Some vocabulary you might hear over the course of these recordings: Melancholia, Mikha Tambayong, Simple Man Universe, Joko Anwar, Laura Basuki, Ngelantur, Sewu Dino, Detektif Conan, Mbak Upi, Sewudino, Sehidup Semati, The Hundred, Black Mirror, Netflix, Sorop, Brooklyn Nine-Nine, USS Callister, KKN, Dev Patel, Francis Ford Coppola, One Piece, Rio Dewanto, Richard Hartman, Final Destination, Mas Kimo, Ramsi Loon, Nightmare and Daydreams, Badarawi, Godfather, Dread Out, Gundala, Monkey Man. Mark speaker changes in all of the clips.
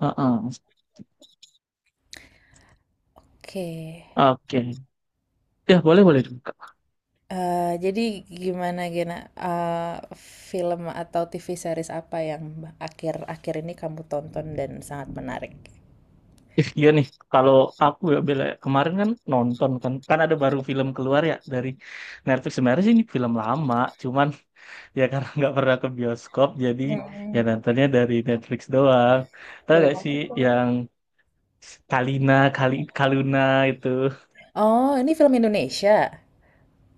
Speaker 1: Heeh.
Speaker 2: Oke,
Speaker 1: Oke. Ya, boleh boleh juga.
Speaker 2: jadi gimana, Gena? Eh, Film atau TV series apa yang akhir-akhir ini kamu tonton dan sangat menarik?
Speaker 1: Ih, iya nih. Kalau aku ya Bella, ya, kemarin kan nonton kan kan ada baru film keluar ya dari Netflix. Sebenarnya sih ini film lama, cuman ya karena nggak pernah ke bioskop jadi ya
Speaker 2: Hmm,
Speaker 1: nontonnya dari Netflix doang. Tahu
Speaker 2: Film
Speaker 1: gak sih
Speaker 2: apa tuh?
Speaker 1: yang Kalina, Kali Kaluna itu.
Speaker 2: Oh, ini film Indonesia,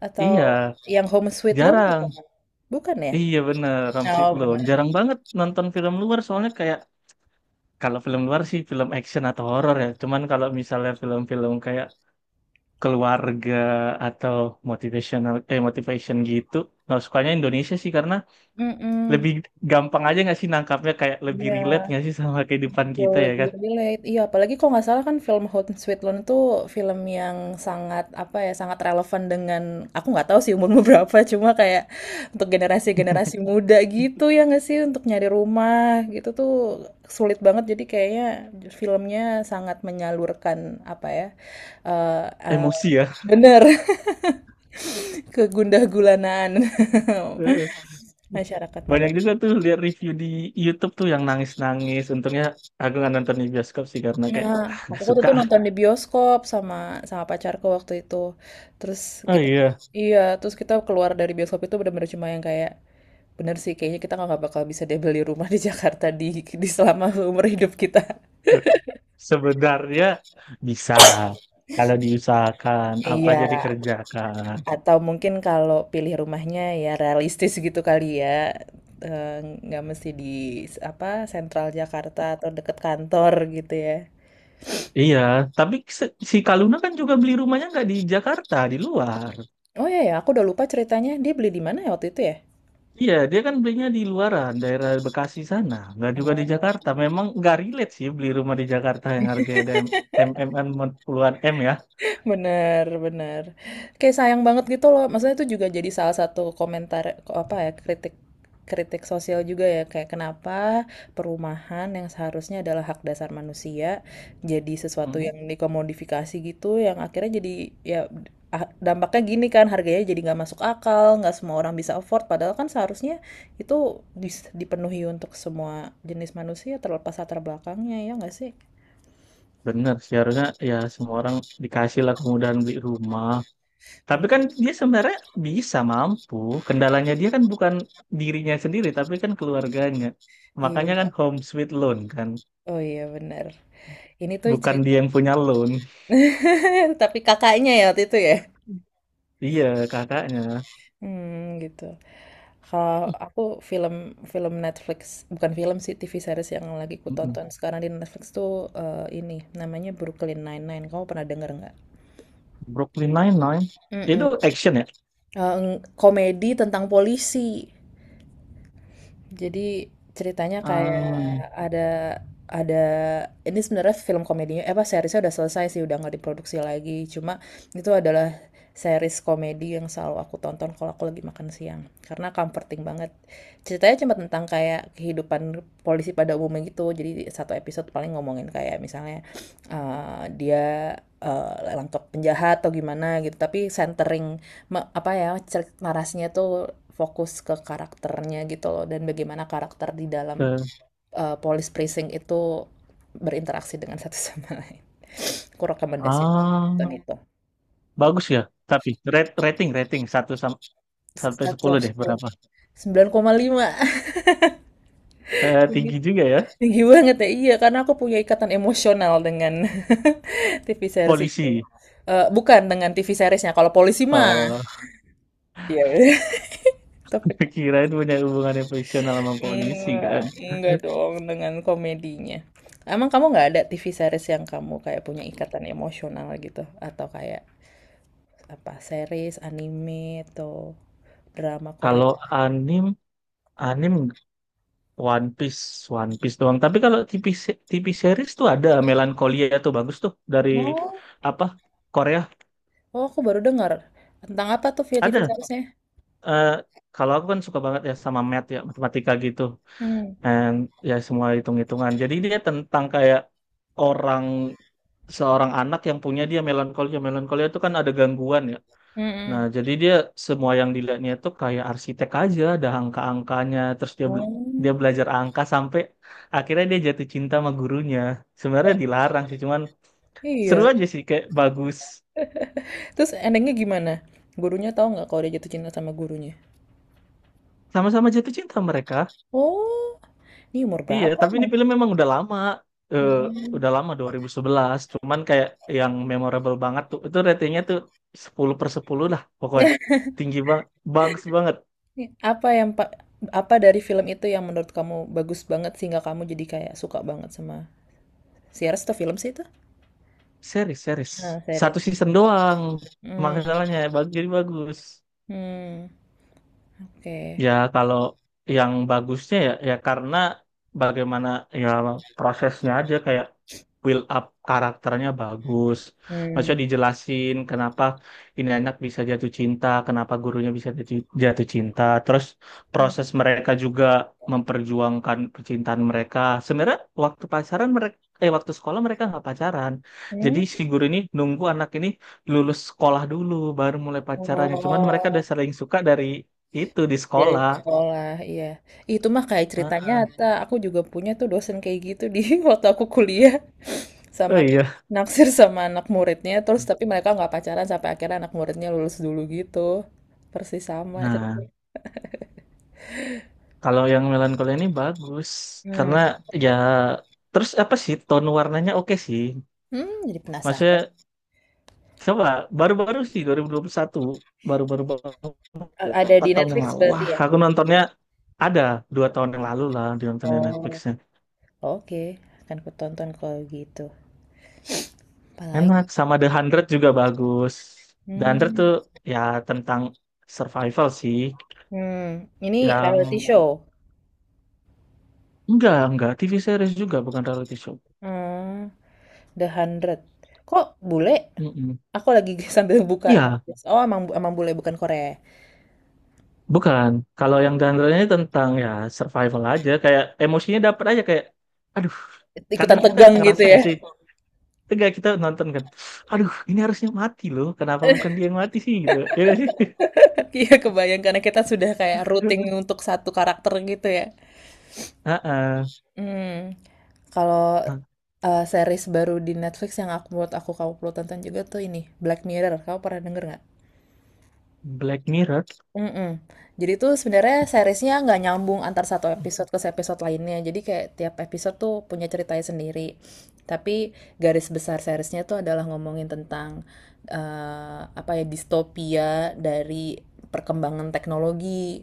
Speaker 2: atau
Speaker 1: Iya,
Speaker 2: yang Home Sweet Loan bukan?
Speaker 1: jarang.
Speaker 2: Bukan ya?
Speaker 1: Iya bener, Ramsi
Speaker 2: Oh,
Speaker 1: Loon.
Speaker 2: benar.
Speaker 1: Jarang banget nonton film luar soalnya kayak kalau film luar sih film action atau horor ya. Cuman kalau misalnya film-film kayak keluarga atau motivation gitu nggak sukanya Indonesia sih karena
Speaker 2: Mm-mm.
Speaker 1: lebih gampang aja nggak sih nangkapnya kayak lebih relate
Speaker 2: Iya.
Speaker 1: nggak sih sama kehidupan
Speaker 2: Jauh
Speaker 1: kita ya
Speaker 2: lebih
Speaker 1: kan.
Speaker 2: relate. Iya, apalagi kalau nggak salah kan film Hot and Sweet Loan itu film yang sangat, apa ya, sangat relevan dengan, aku nggak tahu sih umurmu berapa, cuma kayak untuk generasi-generasi muda gitu ya nggak sih, untuk nyari rumah gitu tuh sulit banget. Jadi kayaknya filmnya sangat menyalurkan, apa ya, eh eh,
Speaker 1: Emosi ya.
Speaker 2: bener, kegundah gulanaan
Speaker 1: Heeh.
Speaker 2: masyarakat pada.
Speaker 1: Banyak juga tuh lihat review di YouTube tuh yang nangis-nangis, untungnya aku nggak nonton di bioskop sih karena kayak
Speaker 2: Nah,
Speaker 1: ah,
Speaker 2: aku
Speaker 1: nggak
Speaker 2: waktu
Speaker 1: suka
Speaker 2: itu
Speaker 1: lah.
Speaker 2: nonton di bioskop sama sama pacarku waktu itu. Terus
Speaker 1: Oh
Speaker 2: kita,
Speaker 1: iya,
Speaker 2: iya, terus kita keluar dari bioskop itu benar-benar cuma yang kayak, bener sih, kayaknya kita nggak bakal bisa deh beli rumah di Jakarta, di selama umur hidup kita.
Speaker 1: sebenarnya bisa kalau diusahakan apa
Speaker 2: Iya,
Speaker 1: jadi kerjakan.
Speaker 2: atau mungkin kalau pilih rumahnya ya realistis gitu kali ya. Eh, nggak mesti di, apa, sentral Jakarta atau deket kantor gitu ya.
Speaker 1: Iya, tapi si Kaluna kan juga beli rumahnya nggak di Jakarta, di luar.
Speaker 2: Oh iya ya, aku udah lupa ceritanya. Dia beli di mana ya waktu itu ya?
Speaker 1: Iya, dia kan belinya di luaran, daerah Bekasi sana, nggak juga di Jakarta. Memang nggak relate sih beli rumah di Jakarta yang harganya udah MMN puluhan M ya.
Speaker 2: Bener, bener. Kayak sayang banget gitu loh. Maksudnya itu juga jadi salah satu komentar, apa ya, kritik, sosial juga ya, kayak kenapa perumahan yang seharusnya adalah hak dasar manusia jadi sesuatu
Speaker 1: Hmm.
Speaker 2: yang dikomodifikasi gitu, yang akhirnya jadi ya, dampaknya gini kan, harganya jadi nggak masuk akal, nggak semua orang bisa afford, padahal kan seharusnya itu dipenuhi untuk semua jenis manusia terlepas latar belakangnya, ya nggak sih?
Speaker 1: Bener sih, harusnya ya semua orang dikasih lah kemudahan beli rumah. Tapi
Speaker 2: Bener.
Speaker 1: kan dia sebenarnya bisa mampu. Kendalanya dia kan bukan dirinya sendiri, tapi kan keluarganya. Makanya kan
Speaker 2: Iya.
Speaker 1: home sweet loan kan.
Speaker 2: Oh iya bener. Ini tuh
Speaker 1: Bukan
Speaker 2: cerita.
Speaker 1: dia yang punya loan.
Speaker 2: Tapi kakaknya ya waktu itu ya?
Speaker 1: Iya, kakaknya.
Speaker 2: Hmm, gitu. Kalau
Speaker 1: Eh,
Speaker 2: aku film, Netflix, bukan film sih, TV series yang lagi ku
Speaker 1: mm-mm.
Speaker 2: tonton sekarang di Netflix tuh, ini namanya Brooklyn Nine-Nine. Kamu pernah denger nggak?
Speaker 1: Brooklyn Nine-Nine itu
Speaker 2: Mm-mm.
Speaker 1: action ya?
Speaker 2: Eh, Komedi tentang polisi. Jadi ceritanya kayak
Speaker 1: Ah,
Speaker 2: ada, ada ini sebenarnya film komedinya, eh, apa, seriesnya udah selesai sih, udah nggak diproduksi lagi. Cuma itu adalah series komedi yang selalu aku tonton kalau aku lagi makan siang karena comforting banget. Ceritanya cuma tentang kayak kehidupan polisi pada umumnya gitu. Jadi satu episode paling ngomongin kayak misalnya dia langkap penjahat atau gimana gitu. Tapi centering, apa ya, narasinya tuh fokus ke karakternya gitu loh, dan bagaimana karakter di dalam
Speaker 1: ke-
Speaker 2: police precinct itu berinteraksi dengan satu sama lain. Aku rekomendasi nonton
Speaker 1: ah,
Speaker 2: itu.
Speaker 1: bagus ya. Tapi rate- rating rating satu sampai
Speaker 2: Satu
Speaker 1: 10 deh berapa?
Speaker 2: Sembilan koma lima.
Speaker 1: Eh, tinggi juga ya.
Speaker 2: Tinggi banget ya, iya, karena aku punya ikatan emosional dengan TV series itu.
Speaker 1: Polisi.
Speaker 2: Bukan dengan TV seriesnya kalau polisi mah.
Speaker 1: Eh,
Speaker 2: Iya. Yeah. Topik
Speaker 1: kirain punya hubungan yang profesional sama polisi kan.
Speaker 2: Enggak, enggak dong, dengan komedinya. Emang kamu nggak ada TV series yang kamu kayak punya ikatan emosional gitu? Atau kayak apa, series, anime, atau drama Korea?
Speaker 1: Kalau anim anim One Piece One Piece doang. Tapi kalau TV series tuh ada Melancholia tuh bagus tuh dari
Speaker 2: Oh,
Speaker 1: apa? Korea.
Speaker 2: oh, aku baru dengar. Tentang apa tuh via TV
Speaker 1: Ada.
Speaker 2: seriesnya?
Speaker 1: eh kalau aku kan suka banget ya sama math ya, matematika gitu.
Speaker 2: Hmm.
Speaker 1: And ya semua hitung-hitungan. Jadi dia tentang kayak orang seorang anak yang punya dia melankolia. Melankolia itu kan ada gangguan ya. Nah,
Speaker 2: Mm-mm.
Speaker 1: jadi dia semua yang dilihatnya itu kayak arsitek aja, ada angka-angkanya, terus dia
Speaker 2: Oh,
Speaker 1: belajar angka sampai akhirnya dia jatuh cinta sama gurunya. Sebenarnya dilarang sih, cuman seru
Speaker 2: iya.
Speaker 1: aja sih kayak bagus.
Speaker 2: Terus endingnya gimana? Gurunya tahu nggak kalau dia jatuh cinta sama gurunya?
Speaker 1: Sama-sama jatuh cinta mereka.
Speaker 2: Oh, ini umur
Speaker 1: Iya,
Speaker 2: berapa
Speaker 1: tapi ini
Speaker 2: emang?
Speaker 1: film memang udah lama. Eh,
Speaker 2: Mm-mm.
Speaker 1: udah lama 2011. Cuman kayak yang memorable banget tuh. Itu ratingnya tuh 10/10 lah pokoknya. Tinggi banget. Bagus banget.
Speaker 2: Nih, apa yang apa dari film itu yang menurut kamu bagus banget sehingga kamu jadi kayak suka banget sama series atau film sih itu?
Speaker 1: Series, series.
Speaker 2: Ah, series.
Speaker 1: Satu season doang.
Speaker 2: Hmm,
Speaker 1: Masalahnya bagus, jadi bagus.
Speaker 2: hmm, oke.
Speaker 1: Ya kalau yang bagusnya ya ya karena bagaimana ya prosesnya aja kayak build up karakternya bagus.
Speaker 2: Hmm,
Speaker 1: Maksudnya dijelasin kenapa ini anak bisa jatuh cinta, kenapa gurunya bisa jatuh jatuh cinta. Terus
Speaker 2: hmm,
Speaker 1: proses mereka juga memperjuangkan percintaan mereka. Sebenarnya waktu pacaran mereka, eh, waktu sekolah mereka nggak pacaran. Jadi
Speaker 2: hmm.
Speaker 1: si guru ini nunggu anak ini lulus sekolah dulu baru mulai pacarannya. Cuman mereka udah
Speaker 2: Oh,
Speaker 1: saling suka dari itu di
Speaker 2: jadi
Speaker 1: sekolah.
Speaker 2: sekolah, iya. Itu mah kayak cerita
Speaker 1: Nah.
Speaker 2: nyata. Aku juga punya tuh dosen kayak gitu di waktu aku kuliah,
Speaker 1: Oh
Speaker 2: sama
Speaker 1: iya.
Speaker 2: naksir sama anak muridnya. Terus tapi mereka nggak pacaran sampai akhirnya anak muridnya lulus dulu gitu. Persis sama
Speaker 1: Nah,
Speaker 2: ceritanya.
Speaker 1: kalau yang melankolia ini bagus
Speaker 2: Hmm,
Speaker 1: karena ya terus apa sih tone warnanya oke sih.
Speaker 2: hmm, jadi penasaran.
Speaker 1: Maksudnya coba baru-baru sih 2021 baru-baru banget,
Speaker 2: Ada
Speaker 1: empat
Speaker 2: di
Speaker 1: tahun yang
Speaker 2: Netflix
Speaker 1: lalu.
Speaker 2: berarti
Speaker 1: Wah,
Speaker 2: ya?
Speaker 1: aku nontonnya ada 2 tahun yang lalu lah di nonton di
Speaker 2: Oh,
Speaker 1: Netflixnya.
Speaker 2: oke. Akan ku tonton kalau gitu.
Speaker 1: Enak,
Speaker 2: Apalagi.
Speaker 1: sama The Hundred juga bagus. The Hundred
Speaker 2: Hmm.
Speaker 1: tuh ya tentang survival sih
Speaker 2: Hmm, ini reality
Speaker 1: yang
Speaker 2: show.
Speaker 1: enggak TV series juga bukan reality show.
Speaker 2: Hmm, The Hundred. Kok bule?
Speaker 1: Mm-mm.
Speaker 2: Aku lagi sambil buka
Speaker 1: Iya.
Speaker 2: Netflix. Oh, emang emang bule, bukan Korea, ya?
Speaker 1: Bukan. Kalau yang genre-nya tentang ya survival aja, kayak emosinya dapat aja kayak, aduh,
Speaker 2: Ikutan
Speaker 1: kadang kita
Speaker 2: tegang gitu
Speaker 1: ngerasa
Speaker 2: ya.
Speaker 1: nggak sih? Enggak kita nonton kan, aduh, ini harusnya mati loh. Kenapa bukan dia yang mati sih gitu? Ya nggak sih?
Speaker 2: Iya, kebayang karena kita sudah kayak rooting untuk satu karakter gitu ya.
Speaker 1: Heeh.
Speaker 2: Hmm. Kalau series baru di Netflix yang buat aku, kamu perlu tonton juga tuh ini, Black Mirror. Kamu pernah denger nggak?
Speaker 1: Black Mirror.
Speaker 2: Mm-mm. Jadi tuh sebenarnya seriesnya nggak nyambung antar satu episode ke episode lainnya. Jadi kayak tiap episode tuh punya ceritanya sendiri. Tapi garis besar seriesnya tuh adalah ngomongin tentang apa ya, distopia dari perkembangan teknologi.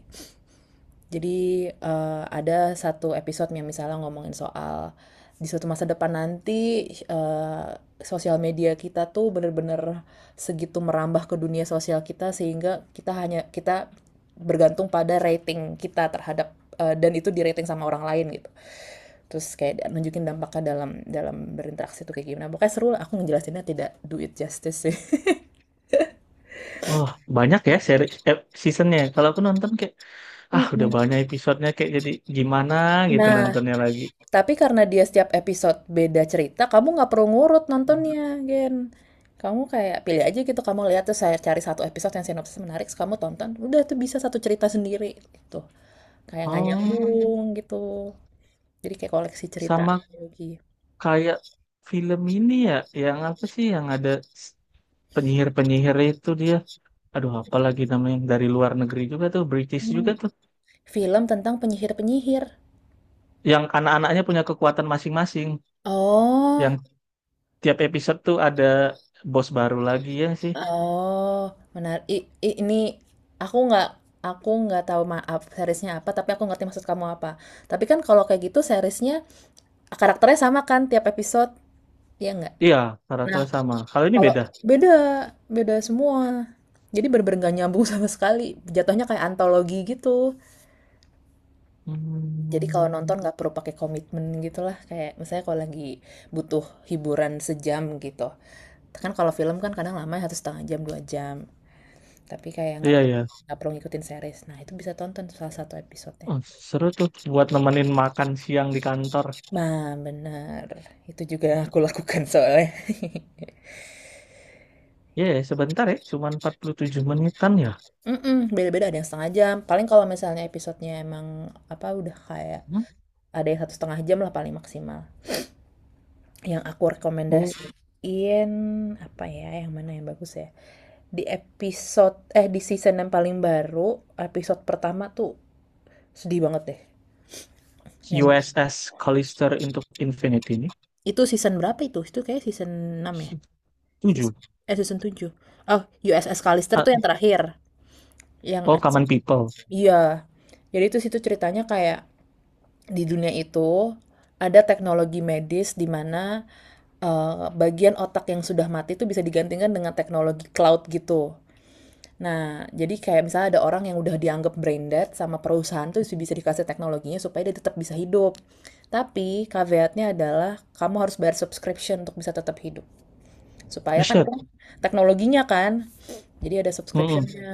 Speaker 2: Jadi ada satu episode yang misalnya ngomongin soal di suatu masa depan nanti, eh, sosial media kita tuh bener-bener segitu merambah ke dunia sosial kita sehingga kita, hanya kita bergantung pada rating kita terhadap, dan itu di rating sama orang lain gitu. Terus kayak nunjukin dampaknya dalam dalam berinteraksi tuh kayak gimana. Pokoknya seru lah, aku ngejelasinnya tidak do it justice sih.
Speaker 1: Oh, banyak ya eh, seasonnya. Kalau aku nonton kayak, ah, udah banyak episodenya kayak jadi gimana gitu
Speaker 2: Nah,
Speaker 1: nontonnya lagi.
Speaker 2: tapi karena dia setiap episode beda cerita, kamu nggak perlu ngurut nontonnya, Gen. Kamu kayak pilih aja gitu, kamu lihat tuh saya cari satu episode yang sinopsis menarik, terus kamu tonton, udah tuh bisa satu cerita sendiri gitu. Kayak nggak
Speaker 1: Oh,
Speaker 2: nyambung gitu. Jadi kayak koleksi cerita
Speaker 1: sama
Speaker 2: lagi.
Speaker 1: kayak film ini ya, yang apa sih yang ada penyihir-penyihir itu dia aduh apa lagi namanya yang dari luar negeri juga tuh British
Speaker 2: Hmm.
Speaker 1: juga tuh
Speaker 2: Film tentang penyihir-penyihir.
Speaker 1: yang anak-anaknya punya kekuatan masing-masing
Speaker 2: Oh,
Speaker 1: yang tiap episode tuh ada bos baru lagi ya sih.
Speaker 2: oh, menarik. Ini, aku nggak, tahu, maaf seriesnya apa, tapi aku ngerti maksud kamu apa. Tapi kan kalau kayak gitu seriesnya karakternya sama kan tiap episode, ya nggak?
Speaker 1: Iya,
Speaker 2: Nah,
Speaker 1: karakter sama, kalau ini
Speaker 2: kalau
Speaker 1: beda.
Speaker 2: beda, beda semua. Jadi bener-bener nggak nyambung sama sekali. Jatuhnya kayak antologi gitu. Jadi kalau
Speaker 1: Hmm.
Speaker 2: nonton nggak perlu pakai komitmen gitu lah. Kayak misalnya kalau lagi butuh hiburan sejam gitu. Kan kalau film kan kadang lama harus setengah jam, dua jam. Tapi kayak nggak,
Speaker 1: Iya, iya.
Speaker 2: perlu ngikutin series. Nah, itu bisa tonton salah satu episodenya.
Speaker 1: Oh, seru tuh buat nemenin makan siang di kantor.
Speaker 2: Nah, bener. Itu juga yang aku lakukan soalnya.
Speaker 1: Iya ya, sebentar ya cuman 47 menitan ya.
Speaker 2: Mhm, beda-beda, ada yang setengah jam, paling kalau misalnya episodenya emang, apa, udah kayak
Speaker 1: Hmm.
Speaker 2: ada yang satu setengah jam lah paling maksimal. Yang aku
Speaker 1: Oh,
Speaker 2: rekomendasiin, apa ya, yang mana yang bagus ya, di season yang paling baru, episode pertama tuh sedih banget deh, yang,
Speaker 1: USS Callister into Infinity ini
Speaker 2: itu season berapa itu? Itu kayak season 6 ya?
Speaker 1: tujuh.
Speaker 2: Season season 7. Oh, USS Callister
Speaker 1: Ah,
Speaker 2: tuh yang terakhir, yang
Speaker 1: oh,
Speaker 2: episode,
Speaker 1: Common People.
Speaker 2: iya. Jadi itu situ ceritanya kayak di dunia itu ada teknologi medis di mana, eh, bagian otak yang sudah mati itu bisa digantikan dengan teknologi cloud gitu. Nah, jadi kayak misalnya ada orang yang udah dianggap brain dead sama perusahaan tuh bisa dikasih teknologinya supaya dia tetap bisa hidup. Tapi caveatnya adalah kamu harus bayar subscription untuk bisa tetap hidup. Supaya kan
Speaker 1: Buset.
Speaker 2: teknologinya kan jadi ada
Speaker 1: Mm-mm.
Speaker 2: subscriptionnya.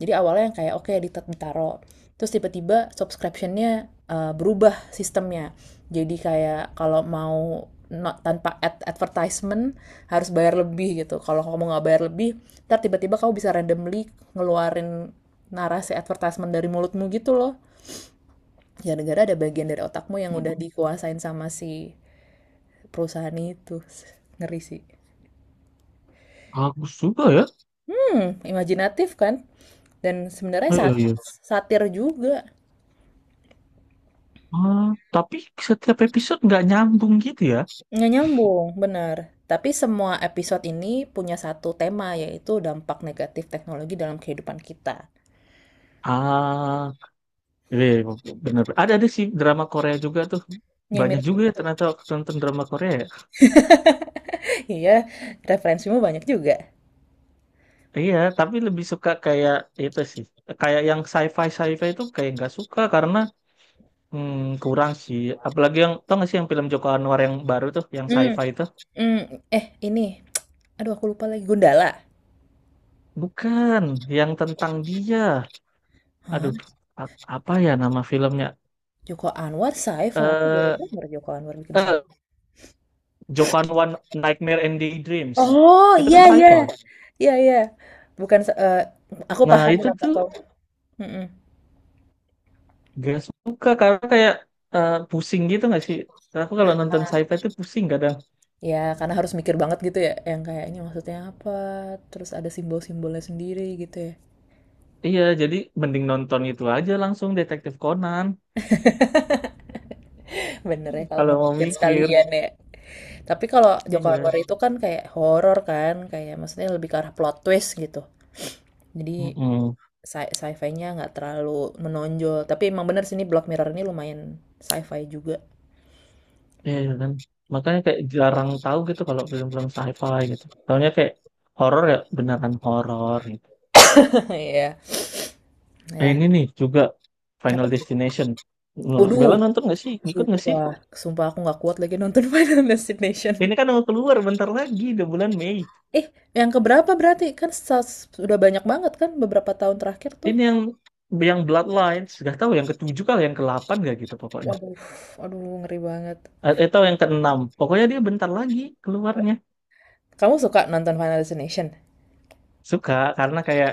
Speaker 2: Jadi awalnya yang kayak oke okay, ditaruh. Terus tiba-tiba subscriptionnya berubah sistemnya. Jadi kayak kalau mau tanpa advertisement harus bayar lebih gitu. Kalau kamu nggak bayar lebih, ntar tiba-tiba kamu bisa randomly ngeluarin narasi advertisement dari mulutmu gitu loh. Gara-gara ada bagian dari otakmu yang udah
Speaker 1: Mm-mm.
Speaker 2: dikuasain sama si perusahaan itu. Ngeri sih.
Speaker 1: Bagus juga ya.
Speaker 2: Imajinatif kan? Dan sebenarnya
Speaker 1: Oh, iya, iya.
Speaker 2: satir juga.
Speaker 1: Ah, tapi setiap episode nggak nyambung gitu ya.
Speaker 2: Nggak nyambung, benar. Tapi semua episode ini punya satu tema, yaitu dampak negatif teknologi dalam kehidupan kita.
Speaker 1: Ah, iya, iya, bener. Ada sih drama Korea juga tuh.
Speaker 2: Yang
Speaker 1: Banyak
Speaker 2: mirip
Speaker 1: juga
Speaker 2: kayak
Speaker 1: ya
Speaker 2: gitu.
Speaker 1: ternyata waktu nonton drama Korea, ya.
Speaker 2: Iya, referensimu banyak juga.
Speaker 1: Iya, tapi lebih suka kayak itu sih. Kayak yang sci-fi sci-fi itu kayak nggak suka karena hmm, kurang sih. Apalagi yang tau nggak sih yang film Joko Anwar yang baru tuh, yang
Speaker 2: Hmm,
Speaker 1: sci-fi itu?
Speaker 2: hmm, ini, aduh aku lupa lagi, Gundala.
Speaker 1: Bukan, yang tentang dia.
Speaker 2: Hah?
Speaker 1: Aduh, apa ya nama filmnya?
Speaker 2: Joko Anwar sci-fi? Aku baru
Speaker 1: Eh,
Speaker 2: denger Joko Anwar bikin sci.
Speaker 1: eh, Joko Anwar Nightmare and Daydreams
Speaker 2: Oh,
Speaker 1: itu
Speaker 2: iya,
Speaker 1: kan
Speaker 2: iya.
Speaker 1: sci-fi.
Speaker 2: Iya, iya. Bukan, aku
Speaker 1: Nah
Speaker 2: paham
Speaker 1: itu
Speaker 2: kenapa
Speaker 1: tuh
Speaker 2: kau. Mm-mm.
Speaker 1: gak suka karena kayak pusing gitu gak sih? Karena aku kalau nonton sci-fi itu pusing kadang.
Speaker 2: Ya, karena harus mikir banget gitu ya, yang kayak ini maksudnya apa, terus ada simbol-simbolnya sendiri gitu ya.
Speaker 1: Iya, jadi mending nonton itu aja langsung Detektif Conan
Speaker 2: Bener ya kalau
Speaker 1: kalau mau
Speaker 2: ngomongin
Speaker 1: mikir.
Speaker 2: sekalian ya. Tapi kalau Joko
Speaker 1: Iya.
Speaker 2: Anwar itu kan kayak horor kan, kayak maksudnya lebih ke arah plot twist gitu. Jadi
Speaker 1: Mm-mm.
Speaker 2: sci-fi-nya nggak terlalu menonjol. Tapi emang bener sih ini Black Mirror ini lumayan sci-fi juga.
Speaker 1: Iya kan makanya kayak jarang tahu gitu kalau film-film sci-fi gitu. Tahunya kayak horor, ya beneran horor gitu.
Speaker 2: Iya, ya.
Speaker 1: Ini nih juga
Speaker 2: Apa
Speaker 1: Final
Speaker 2: tuh?
Speaker 1: Destination. Menurut
Speaker 2: Waduh,
Speaker 1: Bella nonton gak sih, ngikut gak sih?
Speaker 2: sumpah, sumpah aku nggak kuat lagi nonton Final Destination.
Speaker 1: Ini kan mau keluar bentar lagi udah bulan Mei.
Speaker 2: Eh, yang keberapa berarti? Kan sudah banyak banget kan beberapa tahun terakhir tuh.
Speaker 1: Ini yang Bloodlines, gak tahu yang ketujuh kali yang ke-8 gak gitu pokoknya.
Speaker 2: Waduh, aduh ngeri banget.
Speaker 1: Atau yang keenam. Pokoknya dia bentar lagi keluarnya.
Speaker 2: Kamu suka nonton Final Destination?
Speaker 1: Suka karena kayak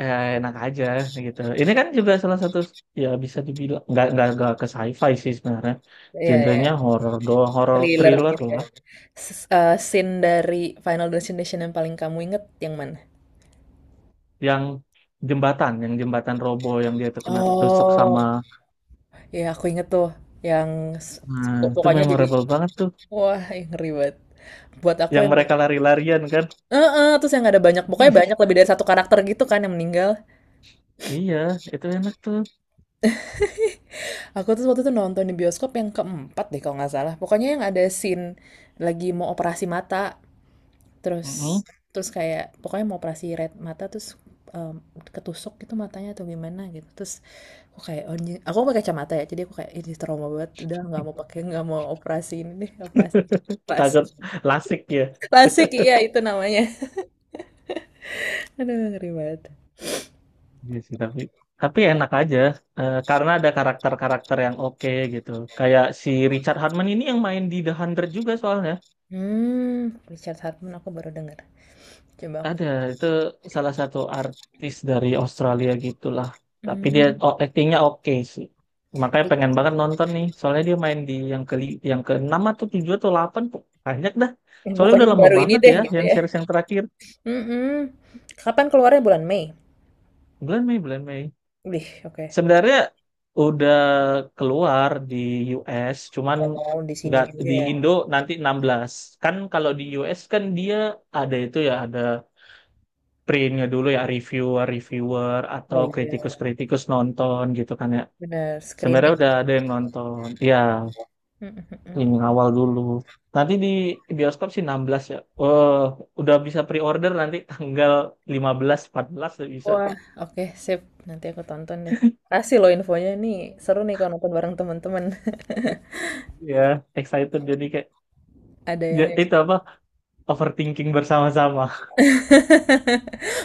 Speaker 1: enak aja gitu. Ini kan juga salah satu ya bisa dibilang nggak ke sci-fi sih sebenarnya.
Speaker 2: Iya, iya.
Speaker 1: Genrenya horor doang, horor
Speaker 2: Thriller
Speaker 1: thriller
Speaker 2: gitu ya.
Speaker 1: lah.
Speaker 2: Scene dari Final Destination yang paling kamu inget yang mana?
Speaker 1: Yang yang jembatan robo yang dia tuh kena ketusuk
Speaker 2: Oh.
Speaker 1: sama.
Speaker 2: Ya, aku inget tuh, yang s-
Speaker 1: Nah, itu
Speaker 2: pokoknya jadi
Speaker 1: memorable banget tuh.
Speaker 2: wah, ih, ngeri banget. Buat aku
Speaker 1: Yang
Speaker 2: yang
Speaker 1: mereka lari-larian kan.
Speaker 2: terus yang ada banyak, pokoknya banyak lebih dari satu karakter gitu kan yang meninggal.
Speaker 1: Iya, itu enak tuh.
Speaker 2: Aku tuh waktu itu nonton di bioskop yang keempat deh kalau nggak salah. Pokoknya yang ada scene lagi mau operasi mata. Terus,
Speaker 1: Mm-mm.
Speaker 2: kayak pokoknya mau operasi red mata, terus em, ketusuk gitu matanya atau gimana gitu. Terus aku kayak oh, anjing, aku pakai kacamata ya. Jadi aku kayak ini trauma banget. Udah nggak mau pakai, nggak mau operasi ini deh, operasi. Plastik.
Speaker 1: Takut lasik ya.
Speaker 2: Plastik iya itu namanya. Aduh ngeri banget.
Speaker 1: Iya sih, tapi enak aja karena ada karakter-karakter yang oke gitu. Kayak si Richard Hartman ini yang main di The Hundred juga soalnya.
Speaker 2: Hmm, Richard Hartman aku baru dengar. Coba aku.
Speaker 1: Ada itu salah satu artis dari Australia gitulah. Tapi
Speaker 2: Hmm.
Speaker 1: dia oh, actingnya oke sih. Makanya pengen banget nonton nih. Soalnya dia main di yang keenam atau tujuh atau delapan banyak dah.
Speaker 2: Ya,
Speaker 1: Soalnya
Speaker 2: pokoknya
Speaker 1: udah lama
Speaker 2: baru ini
Speaker 1: banget
Speaker 2: deh
Speaker 1: ya
Speaker 2: gitu
Speaker 1: yang
Speaker 2: ya.
Speaker 1: series yang terakhir.
Speaker 2: Mm-mm. Kapan keluarnya bulan Mei?
Speaker 1: Bulan Mei, bulan Mei.
Speaker 2: Wih, oke.
Speaker 1: Sebenarnya udah keluar di US, cuman
Speaker 2: Oh, di sini
Speaker 1: nggak
Speaker 2: juga
Speaker 1: di
Speaker 2: ya.
Speaker 1: Indo nanti 16. Kan kalau di US kan dia ada itu ya, ada printnya dulu ya, reviewer-reviewer atau
Speaker 2: Oh iya,
Speaker 1: kritikus-kritikus nonton gitu kan ya.
Speaker 2: benar.
Speaker 1: Sebenarnya
Speaker 2: Screening.
Speaker 1: udah ada yang nonton. Ya,
Speaker 2: Mhm, mhm.
Speaker 1: ini awal dulu. Nanti di bioskop sih 16 ya. Oh, udah bisa pre-order nanti tanggal 15, 14 udah bisa.
Speaker 2: Wah, oke sip, nanti aku tonton deh. Kasih loh infonya nih, seru nih kalau nonton bareng teman-teman.
Speaker 1: Iya, excited jadi kayak
Speaker 2: Ada
Speaker 1: ya,
Speaker 2: yang
Speaker 1: itu apa? Overthinking bersama-sama.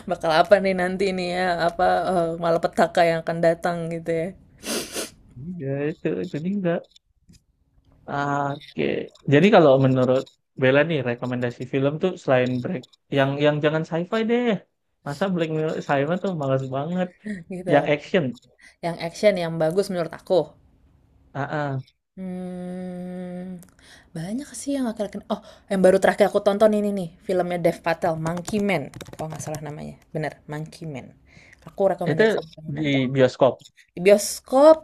Speaker 2: bakal apa nih nanti nih ya, malapetaka yang akan datang gitu ya.
Speaker 1: Iya, itu juga. Oke. Jadi kalau menurut Bella nih rekomendasi film tuh selain Black yang jangan sci-fi deh. Masa Black Mirror sci-fi tuh malas banget.
Speaker 2: Gitu.
Speaker 1: Yang action.
Speaker 2: Yang action yang bagus menurut aku.
Speaker 1: Ah, ah.
Speaker 2: Hmm, banyak sih yang akhir-akhir. Oh, yang baru terakhir aku tonton ini nih, filmnya Dev Patel, Monkey Man. Kalau nggak salah namanya, bener, Monkey Man. Aku
Speaker 1: Itu
Speaker 2: rekomendasi
Speaker 1: di
Speaker 2: nonton.
Speaker 1: bioskop.
Speaker 2: Di bioskop,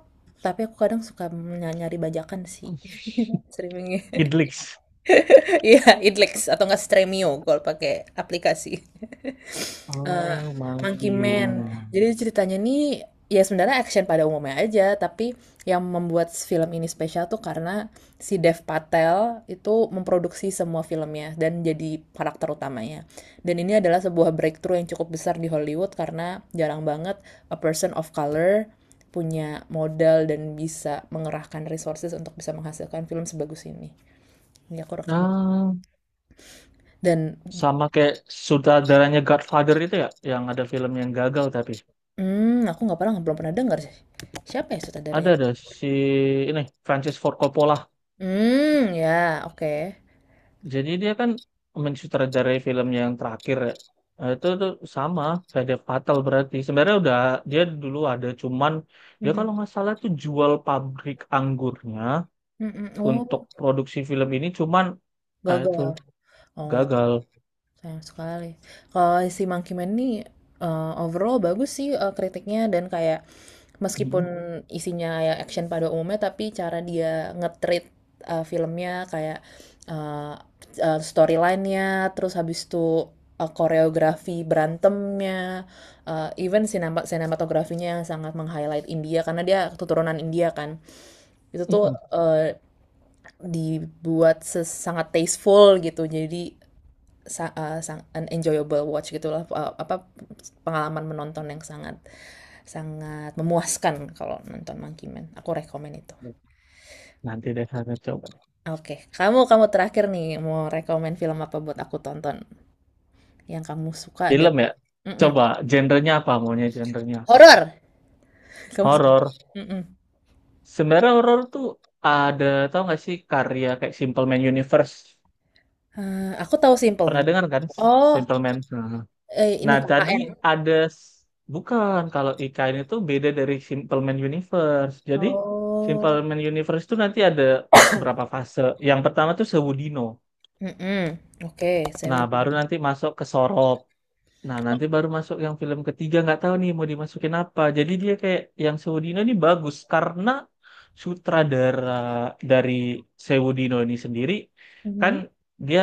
Speaker 2: tapi aku kadang suka nyari bajakan sih. Streaming.
Speaker 1: Idlix.
Speaker 2: Iya, Idlex atau enggak Stremio kalau pakai aplikasi. eh
Speaker 1: Oh,
Speaker 2: Monkey
Speaker 1: Monkey
Speaker 2: Man.
Speaker 1: Man.
Speaker 2: Jadi ceritanya nih ya sebenarnya action pada umumnya aja, tapi yang membuat film ini spesial tuh karena si Dev Patel itu memproduksi semua filmnya dan jadi karakter utamanya. Dan ini adalah sebuah breakthrough yang cukup besar di Hollywood karena jarang banget a person of color punya modal dan bisa mengerahkan resources untuk bisa menghasilkan film sebagus ini. Ini aku rekam.
Speaker 1: Nah,
Speaker 2: Dan,
Speaker 1: sama kayak sutradaranya Godfather itu ya, yang ada film yang gagal tapi
Speaker 2: aku nggak pernah belum pernah dengar sih. Siapa ya
Speaker 1: ada
Speaker 2: sutradaranya?
Speaker 1: ada si ini Francis Ford Coppola.
Speaker 2: Hmm, ya, oke.
Speaker 1: Jadi dia kan mensutradarai film yang terakhir ya. Nah, itu tuh sama kayak fatal berarti. Sebenarnya udah dia dulu ada cuman dia
Speaker 2: Mhm,
Speaker 1: kalau nggak salah tuh jual pabrik anggurnya
Speaker 2: mhm,
Speaker 1: untuk
Speaker 2: oh,
Speaker 1: produksi film ini cuman ah, itu
Speaker 2: gagal. Oh,
Speaker 1: gagal.
Speaker 2: sayang sekali. Kalau si Monkey Man ini, overall bagus sih, kritiknya dan kayak, meskipun
Speaker 1: Mm-mm.
Speaker 2: isinya ya action pada umumnya, tapi cara dia nge-treat, filmnya kayak, eee eee, storyline-nya, terus habis itu, koreografi berantemnya, even sinematografinya yang sangat meng-highlight India karena dia keturunan India kan. Itu tuh,
Speaker 1: Mm-mm.
Speaker 2: eee, dibuat sangat tasteful gitu, jadi sang an enjoyable watch gitulah, apa, pengalaman menonton yang sangat, sangat memuaskan kalau nonton Monkey Man. Aku rekomen itu.
Speaker 1: Nanti deh saya coba.
Speaker 2: Oke, okay. Kamu, terakhir nih mau rekomen film apa buat aku tonton yang kamu suka dan.
Speaker 1: Film ya.
Speaker 2: Mm-mm.
Speaker 1: Coba genrenya apa, maunya genrenya apa?
Speaker 2: Horor. Kamu suka?
Speaker 1: Horor.
Speaker 2: Mm-mm.
Speaker 1: Sebenarnya horor tuh ada tau nggak sih karya kayak Simple Man Universe.
Speaker 2: Aku tahu Simple.
Speaker 1: Pernah dengar kan
Speaker 2: Oh,
Speaker 1: Simple Man? Nah.
Speaker 2: ini
Speaker 1: Nah, Tadi
Speaker 2: KKN.
Speaker 1: ada s- bukan kalau IKN itu beda dari Simple Man Universe. Jadi Simple
Speaker 2: Oh.
Speaker 1: Man Universe itu nanti ada berapa fase. Yang pertama tuh Sewudino.
Speaker 2: Mm-mm. Oke, saya.
Speaker 1: Nah, baru
Speaker 2: Mhm.
Speaker 1: nanti masuk ke Sorop. Nah, nanti baru masuk yang film ketiga nggak tahu nih mau dimasukin apa. Jadi dia kayak yang Sewudino ini bagus karena sutradara dari Sewudino ini sendiri kan dia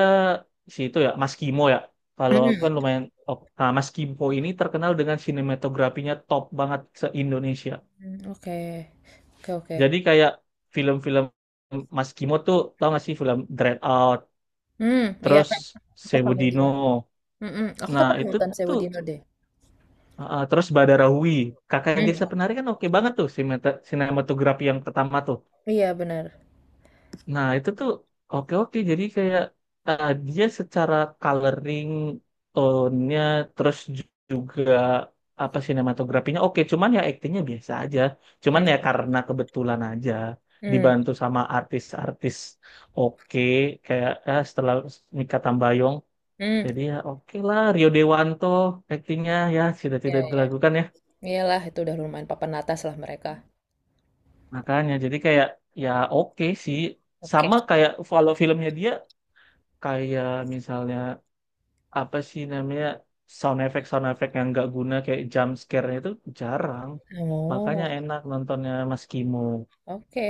Speaker 1: si itu ya Mas Kimo ya. Kalau aku kan lumayan oh, nah, Mas Kimo ini terkenal dengan sinematografinya top banget se-Indonesia.
Speaker 2: Mm, oke, oke, oke.
Speaker 1: Jadi kayak film-film Mas Kimo tuh tau gak sih film Dread Out,
Speaker 2: Hmm, iya,
Speaker 1: terus
Speaker 2: Kak. Aku
Speaker 1: Sewudino.
Speaker 2: familiar. Mm-mm. Aku
Speaker 1: Nah,
Speaker 2: kapan
Speaker 1: itu
Speaker 2: nonton Sewu
Speaker 1: tuh.
Speaker 2: Dino deh?
Speaker 1: Terus Badarawi, kakak
Speaker 2: Hmm.
Speaker 1: desa penari kan oke banget tuh sinematografi yang pertama tuh.
Speaker 2: Iya, benar.
Speaker 1: Nah itu tuh oke oke jadi kayak dia secara coloring tone-nya terus juga apa sinematografinya oke cuman ya aktingnya biasa aja. Cuman ya karena kebetulan aja
Speaker 2: Hmm.
Speaker 1: dibantu sama artis-artis oke kayak setelah Mikha Tambayong
Speaker 2: Hmm,
Speaker 1: jadi ya oke lah Rio Dewanto aktingnya ya tidak
Speaker 2: iya,
Speaker 1: tidak
Speaker 2: iya.
Speaker 1: dilakukan ya.
Speaker 2: Iyalah itu udah lumayan papan atas lah mereka.
Speaker 1: Makanya jadi kayak ya oke sih.
Speaker 2: Oke.
Speaker 1: Sama kayak kalau filmnya dia kayak misalnya apa sih namanya sound effect yang nggak guna kayak jump scare itu jarang. Makanya
Speaker 2: Oh,
Speaker 1: enak nontonnya Mas Kimo.
Speaker 2: oke.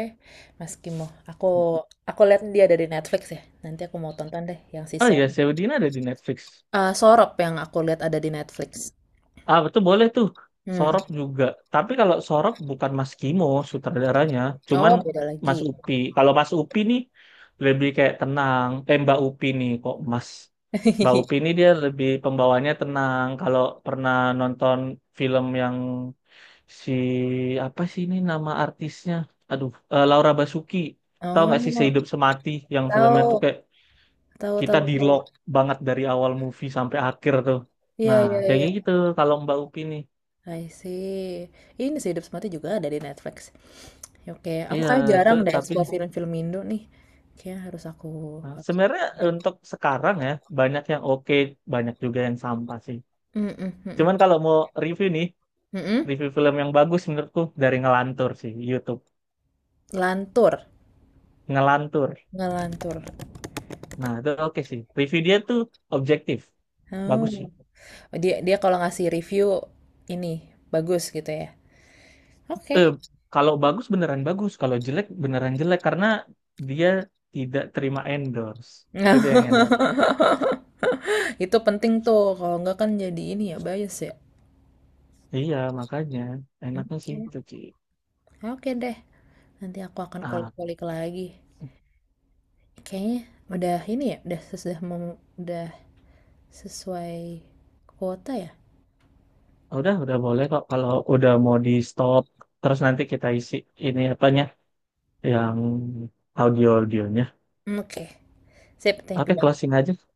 Speaker 2: Mas Kimo, aku, lihat dia ada di Netflix ya. Nanti aku mau tonton deh yang si
Speaker 1: Oh iya,
Speaker 2: Sorop.
Speaker 1: Saudina ada di Netflix.
Speaker 2: Ah, Sorop yang aku lihat ada di Netflix.
Speaker 1: Ah, betul boleh tuh.
Speaker 2: Hmm.
Speaker 1: Sorop juga. Tapi kalau Sorop bukan Mas Kimo sutradaranya, cuman
Speaker 2: Oh, beda lagi.
Speaker 1: Mas Upi. Kalau Mas Upi nih lebih kayak tenang. Eh, Mbak Upi nih kok Mas. Mbak Upi nih dia lebih pembawanya tenang. Kalau pernah nonton film yang si apa sih ini nama artisnya? Aduh, Laura Basuki. Tahu nggak sih
Speaker 2: Oh,
Speaker 1: Sehidup Semati yang filmnya tuh
Speaker 2: tahu,
Speaker 1: kayak
Speaker 2: tahu,
Speaker 1: kita
Speaker 2: tahu, tahu.
Speaker 1: di-lock banget dari awal movie sampai akhir tuh.
Speaker 2: Iya,
Speaker 1: Nah,
Speaker 2: iya,
Speaker 1: kayak
Speaker 2: iya.
Speaker 1: gitu kalau Mbak Upi nih.
Speaker 2: I see. Ini sih Hidup Semati juga ada di Netflix. Oke, aku
Speaker 1: Iya,
Speaker 2: kayak
Speaker 1: itu
Speaker 2: jarang deh
Speaker 1: tapi
Speaker 2: explore film-film Indo nih. Kayaknya harus,
Speaker 1: nah,
Speaker 2: harus.
Speaker 1: sebenarnya untuk sekarang ya banyak yang oke, banyak juga yang sampah sih.
Speaker 2: Mhm, mhm.
Speaker 1: Cuman kalau mau review nih,
Speaker 2: Mhm?
Speaker 1: review film yang bagus menurutku dari Ngelantur sih, YouTube.
Speaker 2: Lantur?
Speaker 1: Ngelantur.
Speaker 2: Ngelantur?
Speaker 1: Nah, itu oke sih. Review dia tuh objektif. Bagus sih.
Speaker 2: Oh, dia, kalau ngasih review ini, bagus gitu ya? Oke.
Speaker 1: Eh, kalau bagus beneran bagus, kalau jelek beneran jelek karena dia tidak terima endorse. Itu yang enak.
Speaker 2: Itu penting tuh, kalau nggak kan jadi ini ya, bias ya?
Speaker 1: Iya, makanya enaknya sih
Speaker 2: Oke.
Speaker 1: itu sih.
Speaker 2: Oke deh, nanti aku akan kulik-kulik lagi. Kayaknya udah ini ya, udah sesuai kuota ya?
Speaker 1: Ah, udah boleh kok kalau udah mau di stop. Terus nanti kita isi ini apanya yang audio-audionya.
Speaker 2: Oke. Sip, thank you
Speaker 1: Oke,
Speaker 2: banget.
Speaker 1: closing aja.